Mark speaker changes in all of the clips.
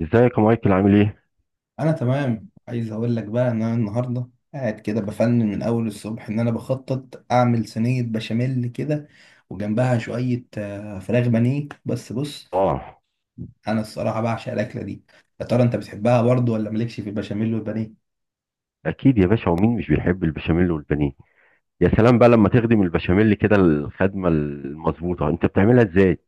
Speaker 1: ازيك يا مايكل؟ عامل ايه؟
Speaker 2: انا تمام، عايز اقول لك بقى ان انا النهارده قاعد كده بفنن من اول الصبح ان انا بخطط اعمل صينيه بشاميل كده، وجنبها شويه فراخ بانيه. بس بص،
Speaker 1: اه،
Speaker 2: انا الصراحه بعشق الاكله دي. يا ترى انت بتحبها برضو ولا مالكش في البشاميل والبانيه؟
Speaker 1: اكيد يا باشا، ومين مش بيحب البشاميل والبانيه؟ يا سلام بقى لما تخدم البشاميل كده الخدمه المظبوطه، انت بتعملها ازاي؟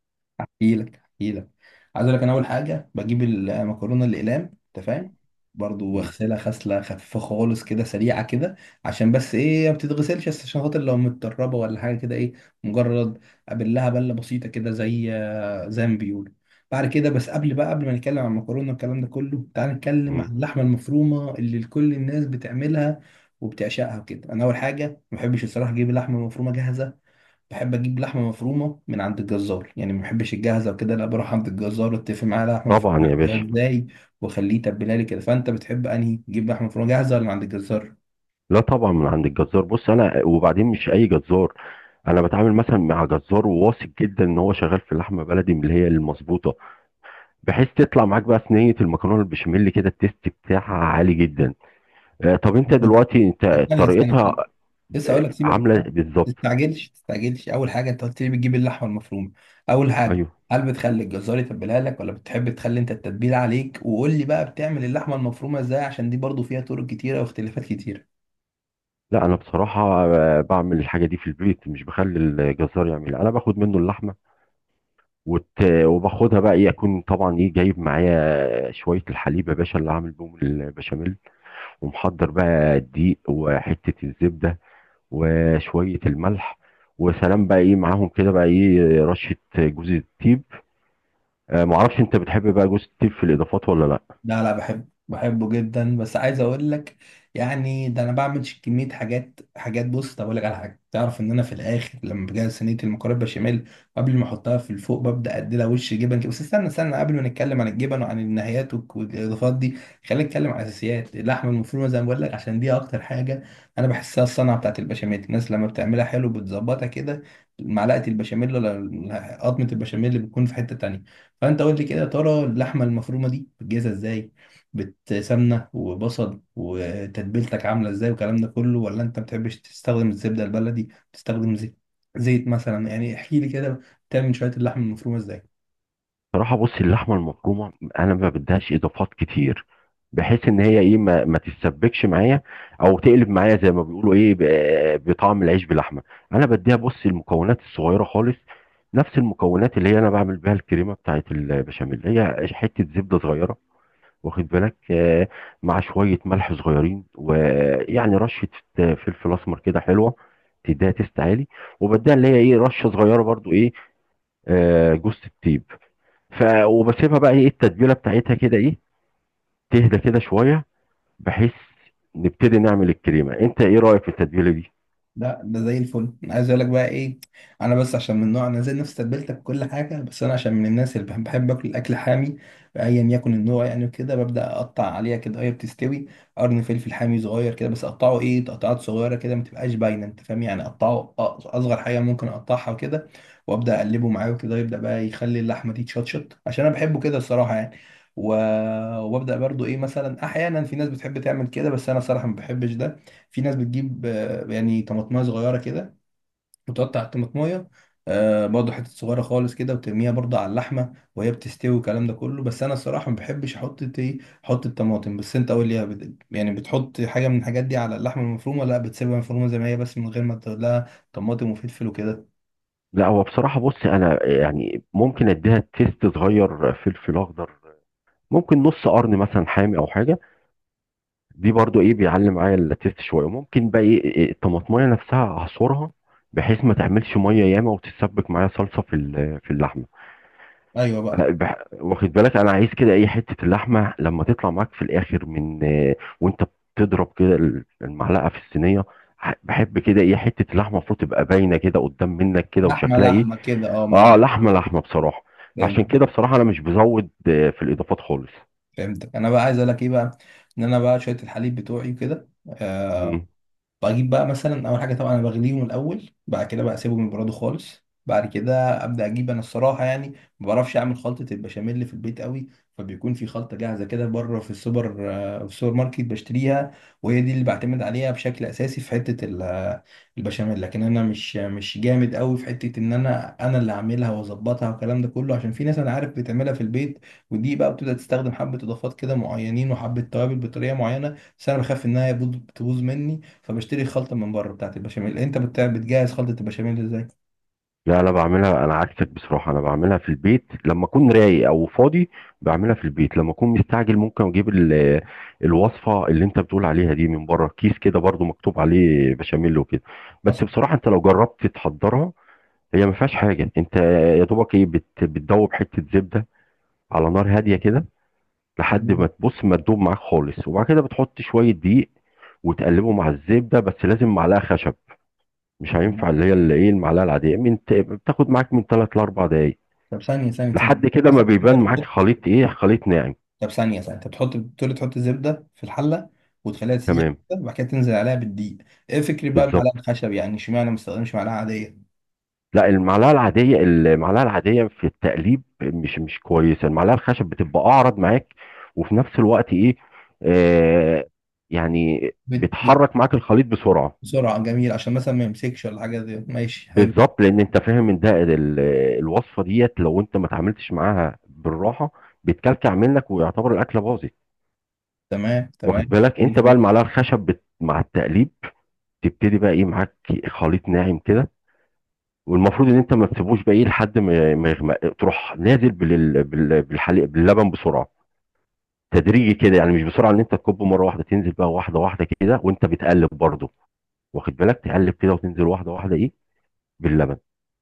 Speaker 2: احكي لك. عايز اقول لك، انا اول حاجه بجيب المكرونه الاقلام، انت فاهم، برضو
Speaker 1: مم.
Speaker 2: واغسلها غسله خفيفه خالص كده، سريعه كده، عشان بس ايه، ما بتتغسلش، بس عشان خاطر لو متدربه ولا حاجه كده. ايه، مجرد ابلها بله بسيطه كده، زي ما بيقولوا. بعد كده بس، قبل بقى، قبل ما نتكلم عن المكرونه والكلام ده كله، تعال نتكلم عن
Speaker 1: مم.
Speaker 2: اللحمه المفرومه اللي كل الناس بتعملها وبتعشقها كده. انا اول حاجه ما بحبش الصراحه اجيب اللحمه المفرومه جاهزه، بحب اجيب لحمه مفرومه من عند الجزار. يعني ما بحبش الجاهزه وكده، لا، بروح عند الجزار، اتفق معاه لحمه
Speaker 1: طبعا
Speaker 2: مفرومه
Speaker 1: يا باشا.
Speaker 2: عايزها ازاي، واخليه يتبلها لي كده. فانت بتحب انهي تجيب لحمه مفرومه جاهزه، ولا من عند الجزار؟
Speaker 1: لا طبعا من عند الجزار. بص انا وبعدين مش اي جزار، انا بتعامل مثلا مع جزار واثق جدا ان هو شغال في اللحمه بلدي من اللي هي المظبوطه، بحيث تطلع معاك بقى صينيه المكرونه البشاميل كده التيست بتاعها عالي جدا. آه، طب انت دلوقتي انت
Speaker 2: طب ثانيه ثانيه
Speaker 1: طريقتها
Speaker 2: ثانيه لسه اقول لك، سيبك
Speaker 1: عامله
Speaker 2: ما
Speaker 1: بالظبط؟
Speaker 2: تستعجلش. اول حاجه انت قلت لي بتجيب اللحمه المفرومه، اول حاجه
Speaker 1: ايوه.
Speaker 2: هل بتخلي الجزار يتبلها لك، ولا بتحب تخلي انت التتبيله عليك؟ وقول لي بقى بتعمل اللحمه المفرومه ازاي، عشان دي برضو فيها طرق كتيره واختلافات كتيره.
Speaker 1: لا انا بصراحه بعمل الحاجه دي في البيت، مش بخلي الجزار يعملها. انا باخد منه اللحمه وت... وباخدها بقى، يكون طبعا ايه جايب معايا شويه الحليب يا باشا اللي هعمل بيهم البشاميل، ومحضر بقى الدقيق وحته الزبده وشويه الملح، وسلام بقى ايه معاهم كده بقى ايه رشه جوز الطيب. معرفش، انت بتحب بقى جوز الطيب في الاضافات ولا لا؟
Speaker 2: لا لا، بحبه جدا. بس عايز اقول لك، يعني ده انا بعمل كميه حاجات. بص، طب اقول لك على حاجه، تعرف ان انا في الاخر لما بجهز صينيه المكرونه بشاميل، قبل ما احطها في الفوق ببدا اديلها وش جبن كده. بس استنى استنى، قبل ما نتكلم عن الجبن وعن النهايات والاضافات دي، خلينا نتكلم عن الاساسيات. اللحمه المفرومه زي ما بقول لك، عشان دي اكتر حاجه انا بحسها الصنعه بتاعت البشاميل. الناس لما بتعملها حلو بتظبطها كده، معلقه البشاميل، ولا قطمه البشاميل اللي بتكون في حته تانيه. فانت قول لي كده، يا ترى اللحمه المفرومه دي بتجهزها ازاي؟ بتسمنه وبصل، وتتبيلتك عامله ازاي والكلام ده كله؟ ولا انت ما بتحبش تستخدم الزبده البلدي، بتستخدم زيت؟ زيت مثلا يعني، احكي لي كده بتعمل شويه اللحمه المفرومه ازاي.
Speaker 1: صراحة بصي، اللحمة المفرومة أنا ما بديهاش إضافات كتير، بحيث إن هي إيه ما تتسبكش معايا أو تقلب معايا زي ما بيقولوا إيه بطعم العيش باللحمة. أنا بديها بصي المكونات الصغيرة خالص، نفس المكونات اللي هي أنا بعمل بيها الكريمة بتاعت البشاميل: هي حتة زبدة صغيرة، واخد بالك، مع شوية ملح صغيرين، ويعني رشة فلفل أسمر كده حلوة، تديها تيست عالي، وبديها اللي هي إيه رشة صغيرة برضو إيه جوز الطيب. ف وبسيبها بقى ايه التتبيله بتاعتها كده ايه، تهدى كده شويه، بحيث نبتدي نعمل الكريمه. انت ايه رايك في التتبيله دي؟
Speaker 2: لا ده زي الفل. انا عايز اقول لك بقى ايه، انا بس عشان من نوع انا زي نفس تتبيلتك كل حاجه، بس انا عشان من الناس اللي بحب اكل الاكل حامي، ايا يكن النوع يعني، وكده ببدا اقطع عليها كده هي بتستوي قرن فلفل حامي صغير كده. بس اقطعه ايه، تقطعات صغيره كده، ما تبقاش باينه، انت فاهم، يعني اقطعه اصغر حاجه ممكن اقطعها وكده. وابدا اقلبه معاه وكده، يبدا بقى يخلي اللحمه دي تشطشط، عشان انا بحبه كده الصراحه يعني. و... وابدا برضو ايه، مثلا احيانا في ناس بتحب تعمل كده، بس انا صراحه ما بحبش ده. في ناس بتجيب يعني طماطمايه صغيره كده، وتقطع الطماطمايه برضه حتت صغيره خالص كده، وترميها برضه على اللحمه وهي بتستوي والكلام ده كله. بس انا الصراحه ما بحبش احط ايه، احط الطماطم. بس انت قول لي يعني بتحط حاجه من الحاجات دي على اللحمه المفرومه، لا بتسيبها مفرومه زي ما هي بس من غير ما تقول لها طماطم وفلفل وكده؟
Speaker 1: لا هو بصراحه بص، انا يعني ممكن اديها تيست صغير فلفل اخضر، ممكن نص قرن مثلا حامي او حاجه، دي برضو ايه بيعلي معايا التيست شويه. ممكن بقى ايه إيه الطماطميه نفسها اعصرها، بحيث ما تعملش ميه ياما وتتسبك معايا صلصه في اللحمه.
Speaker 2: ايوه بقى.
Speaker 1: واخد بالك، انا عايز كده اي حته اللحمه لما تطلع معاك في الاخر من وانت بتضرب كده المعلقه في الصينيه، بحب كده ايه حته اللحمه المفروض تبقى باينه كده قدام منك كده
Speaker 2: لحمه
Speaker 1: وشكلها ايه.
Speaker 2: لحمه كده اه ما.
Speaker 1: اه، لحمه لحمه بصراحه.
Speaker 2: فهمت،
Speaker 1: فعشان كده بصراحه انا مش بزود في الاضافات خالص.
Speaker 2: فهمتك. انا بقى عايز اقول لك ايه بقى، ان انا بقى شويه الحليب بتوعي وكده بجيب بقى مثلا اول حاجه. طبعا انا بغليهم الاول، بعد كده بقى اسيبهم يبردوا خالص، بعد كده ابدا اجيب. انا الصراحه يعني ما بعرفش اعمل خلطه البشاميل اللي في البيت قوي، فبيكون في خلطه جاهزه كده بره في السوبر في السوبر ماركت بشتريها، وهي دي اللي بعتمد عليها بشكل اساسي في حته البشاميل. لكن انا مش جامد قوي في حته ان انا اللي اعملها واظبطها والكلام ده كله، عشان في ناس انا عارف بتعملها في البيت، ودي بقى بتبدا تستخدم حبه اضافات كده معينين وحبه توابل بطريقه معينه، بس انا بخاف انها تبوظ مني، فبشتري خلطة من بره بتاعت البشاميل. انت بتجهز خلطة البشاميل ازاي؟
Speaker 1: لا لا، بعملها انا عكسك بصراحه، انا بعملها في البيت لما اكون رايق او فاضي. بعملها في البيت. لما اكون مستعجل ممكن اجيب الوصفه اللي انت بتقول عليها دي من بره، كيس كده برضو مكتوب عليه بشاميل وكده. بس
Speaker 2: مثلا
Speaker 1: بصراحه انت لو جربت تحضرها هي ما فيهاش حاجه. انت يا دوبك ايه بتدوب حته زبده على نار هاديه كده، لحد ما
Speaker 2: تمام.
Speaker 1: تبص ما تدوب معاك خالص، وبعد كده بتحط شويه دقيق وتقلبه مع الزبده، بس لازم معلقه خشب، مش هينفع اللي هي اللي ايه المعلقه العاديه، من بتاخد معاك من 3 ل 4 دقائق
Speaker 2: طب ثانية
Speaker 1: لحد كده ما
Speaker 2: مثلا، انت
Speaker 1: بيبان معاك
Speaker 2: بتحط،
Speaker 1: خليط ايه، خليط ناعم.
Speaker 2: طب ثانية، انت بتحط، بتقول تحط الزبدة في الحلة وتخليها تسيح
Speaker 1: تمام،
Speaker 2: كده، وبعد كده تنزل عليها بالدقيق. ايه فكري بقى
Speaker 1: بالظبط.
Speaker 2: المعلقة الخشب، يعني اشمعنى ما استخدمش معلقة عادية؟
Speaker 1: لا المعلقه العاديه، المعلقه العاديه في التقليب مش كويسه، المعلقه الخشب بتبقى اعرض معاك، وفي نفس الوقت ايه، آه، يعني
Speaker 2: بت... بت...
Speaker 1: بتحرك معاك الخليط بسرعه.
Speaker 2: بسرعة، جميل، عشان مثلا ما يمسكش ولا حاجة زي. ماشي حلو،
Speaker 1: بالظبط، لان انت فاهم ان ده الوصفه ديت لو انت ما اتعاملتش معاها بالراحه بتكلكع منك ويعتبر الاكله باظت.
Speaker 2: تمام
Speaker 1: واخد
Speaker 2: تمام،
Speaker 1: بالك
Speaker 2: زي
Speaker 1: انت بقى
Speaker 2: الفل.
Speaker 1: المعلقه الخشب مع التقليب تبتدي بقى ايه معاك خليط ناعم كده، والمفروض ان انت ما تسيبوش بقى لحد ما ما يغمق، تروح نازل بالحليب باللبن بسرعه، تدريجي كده، يعني مش بسرعه ان انت تكبه مره واحده، تنزل بقى واحده واحده كده وانت بتقلب برضه. واخد بالك، تقلب كده وتنزل واحده واحده ايه باللبن،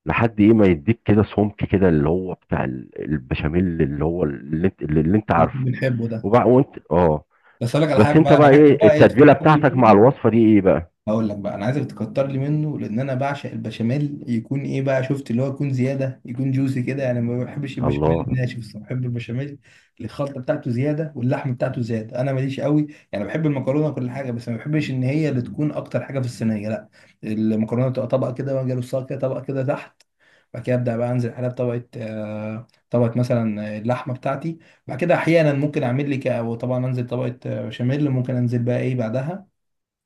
Speaker 1: لحد ايه ما يديك كده سمك كده اللي هو بتاع البشاميل اللي هو اللي انت
Speaker 2: اللي احنا
Speaker 1: عارفه.
Speaker 2: بنحبه ده.
Speaker 1: وبقى وانت اه،
Speaker 2: بس اقول لك على
Speaker 1: بس
Speaker 2: حاجة
Speaker 1: انت
Speaker 2: بقى، انا
Speaker 1: بقى
Speaker 2: عايزك
Speaker 1: ايه
Speaker 2: بقى ايه،
Speaker 1: التتبيله
Speaker 2: تفكر
Speaker 1: بتاعتك
Speaker 2: لي،
Speaker 1: مع الوصفه دي ايه بقى؟
Speaker 2: هقول لك بقى، انا عايزك تكتر لي منه، لان انا بعشق البشاميل يكون ايه بقى، شفت، اللي هو يكون زياده، يكون جوسي كده. انا ما بحبش البشاميل
Speaker 1: الله
Speaker 2: الناشف الصراحه، بحب البشاميل اللي الخلطه بتاعته زياده واللحم بتاعته زياده. انا ماليش قوي يعني، بحب المكرونه وكل حاجه، بس ما بحبش ان هي اللي تكون اكتر حاجه في الصينيه، لا. المكرونه تبقى طبقه كده، واجي ارصها كده طبقه كده تحت، بعد كده ابدا بقى انزل عليها بطبقه طبقه مثلا اللحمه بتاعتي، بعد كده احيانا ممكن اعمل لي وطبعا انزل طبقه بشاميل، ممكن انزل بقى ايه بعدها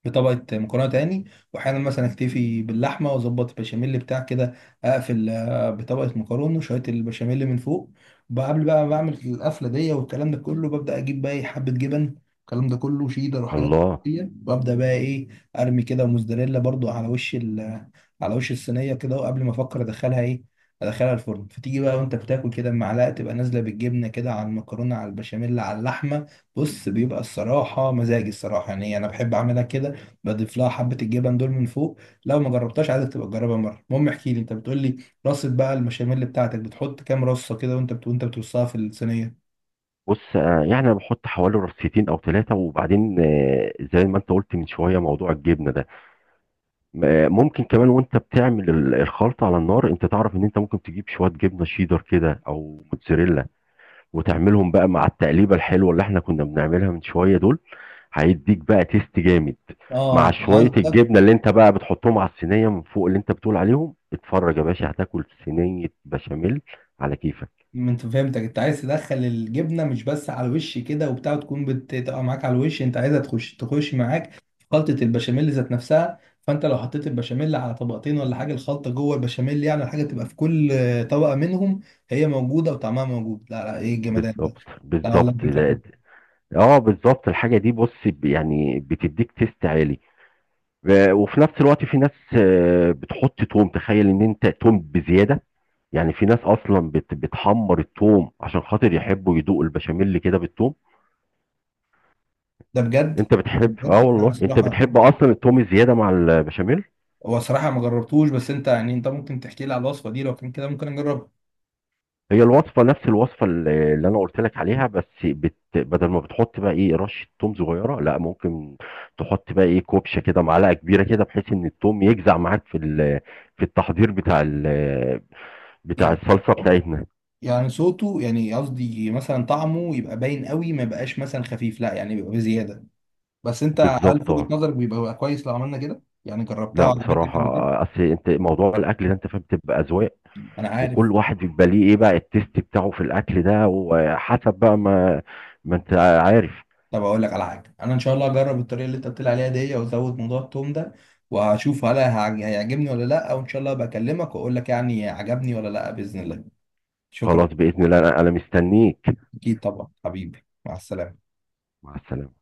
Speaker 2: في طبقة مكرونة تاني، وأحيانا مثلا أكتفي باللحمة وأظبط البشاميل بتاع كده، أقفل بطبقة مكرونة وشوية البشاميل من فوق. وقبل بقى ما بعمل القفلة دي والكلام ده كله، ببدأ أجيب بقى إيه، حبة جبن، الكلام ده كله شيدر وحاجات
Speaker 1: الله.
Speaker 2: دي، وأبدأ بقى إيه، أرمي كده موزاريلا برضو على وش على وش الصينية كده. وقبل ما أفكر أدخلها إيه، أدخلها الفرن، فتيجي بقى وأنت بتاكل كده المعلقة تبقى نازلة بالجبنة كده على المكرونة على البشاميل على اللحمة. بص، بيبقى الصراحة مزاجي الصراحة يعني، أنا بحب أعملها كده، بضيف لها حبة الجبن دول من فوق. لو ما جربتهاش عايزك تبقى تجربها مرة. المهم احكي لي، انت بتقول لي رصة بقى المشاميل بتاعتك، بتحط كام رصة كده وانت وانت بترصها في الصينية؟
Speaker 1: بص يعني انا بحط حوالي رصيتين او ثلاثه، وبعدين زي ما انت قلت من شويه موضوع الجبنه ده، ممكن كمان وانت بتعمل الخلطه على النار، انت تعرف ان انت ممكن تجيب شويه جبنه شيدر كده او موتزاريلا وتعملهم بقى مع التقليبه الحلوه اللي احنا كنا بنعملها من شويه دول، هيديك بقى تيست جامد،
Speaker 2: اه
Speaker 1: مع
Speaker 2: انت
Speaker 1: شويه
Speaker 2: قصدك،
Speaker 1: الجبنه اللي انت بقى بتحطهم على الصينيه من فوق اللي انت بتقول عليهم. اتفرج يا باشا، هتاكل صينيه بشاميل على كيفك.
Speaker 2: انت فهمتك، انت عايز تدخل الجبنة مش بس على الوش كده وبتاع، تكون بتبقى معاك على الوش، انت عايزها تخش معاك في خلطة البشاميل ذات نفسها، فانت لو حطيت البشاميل على طبقتين ولا حاجة، الخلطة جوه البشاميل، يعني الحاجة تبقى في كل طبقة منهم هي موجودة وطعمها موجود. لا لا، ايه الجمدان ده،
Speaker 1: بالظبط
Speaker 2: لا والله
Speaker 1: بالظبط.
Speaker 2: فكرة.
Speaker 1: اه بالظبط، الحاجه دي بص يعني بتديك تيست عالي، و- وفي نفس الوقت في ناس بتحط توم، تخيل ان انت توم بزياده، يعني في ناس اصلا بتحمر التوم عشان خاطر يحبوا يدوقوا البشاميل كده بالتوم.
Speaker 2: ده بجد،
Speaker 1: انت
Speaker 2: ده
Speaker 1: بتحب؟ اه
Speaker 2: بجد. لا، انا
Speaker 1: والله، انت
Speaker 2: صراحه،
Speaker 1: بتحب اصلا التوم الزياده مع البشاميل.
Speaker 2: هو صراحه ما جربتوش، بس انت يعني انت ممكن تحكي لي على الوصفه دي، لو كان كده ممكن اجربها.
Speaker 1: هي الوصفة نفس الوصفة اللي أنا قلت لك عليها، بس بدل ما بتحط بقى إيه رشة توم صغيرة، لا ممكن تحط بقى إيه كوبشة كده، معلقة كبيرة كده، بحيث إن التوم يجزع معاك في التحضير بتاع
Speaker 2: يعني،
Speaker 1: الصلصة بتاعتنا.
Speaker 2: يعني صوته يعني، قصدي مثلا طعمه يبقى باين قوي، ما يبقاش مثلا خفيف، لا يعني بيبقى بزياده. بس انت هل
Speaker 1: بالظبط،
Speaker 2: في وجهه
Speaker 1: اه.
Speaker 2: نظرك بيبقى كويس لو عملنا كده، يعني جربتها
Speaker 1: لا
Speaker 2: وعجبتك
Speaker 1: بصراحة
Speaker 2: قبل كده؟
Speaker 1: أصل أنت موضوع الأكل ده أنت فاهم بتبقى أذواق،
Speaker 2: انا عارف.
Speaker 1: وكل واحد بيبقى ليه إيه بقى التيست بتاعه في الأكل ده، وحسب بقى ما، ما أنت عارف.
Speaker 2: طب اقول لك على حاجه، انا ان شاء الله هجرب الطريقه اللي انت قلت لي عليها دي، وازود موضوع التوم ده، وهشوف هل هيعجبني ولا لا، وان شاء الله بكلمك واقول لك يعني عجبني ولا لا باذن الله. شكرا.
Speaker 1: خلاص بإذن الله، أنا مستنيك.
Speaker 2: اكيد طبعا حبيبي، مع السلامة.
Speaker 1: مع السلامة.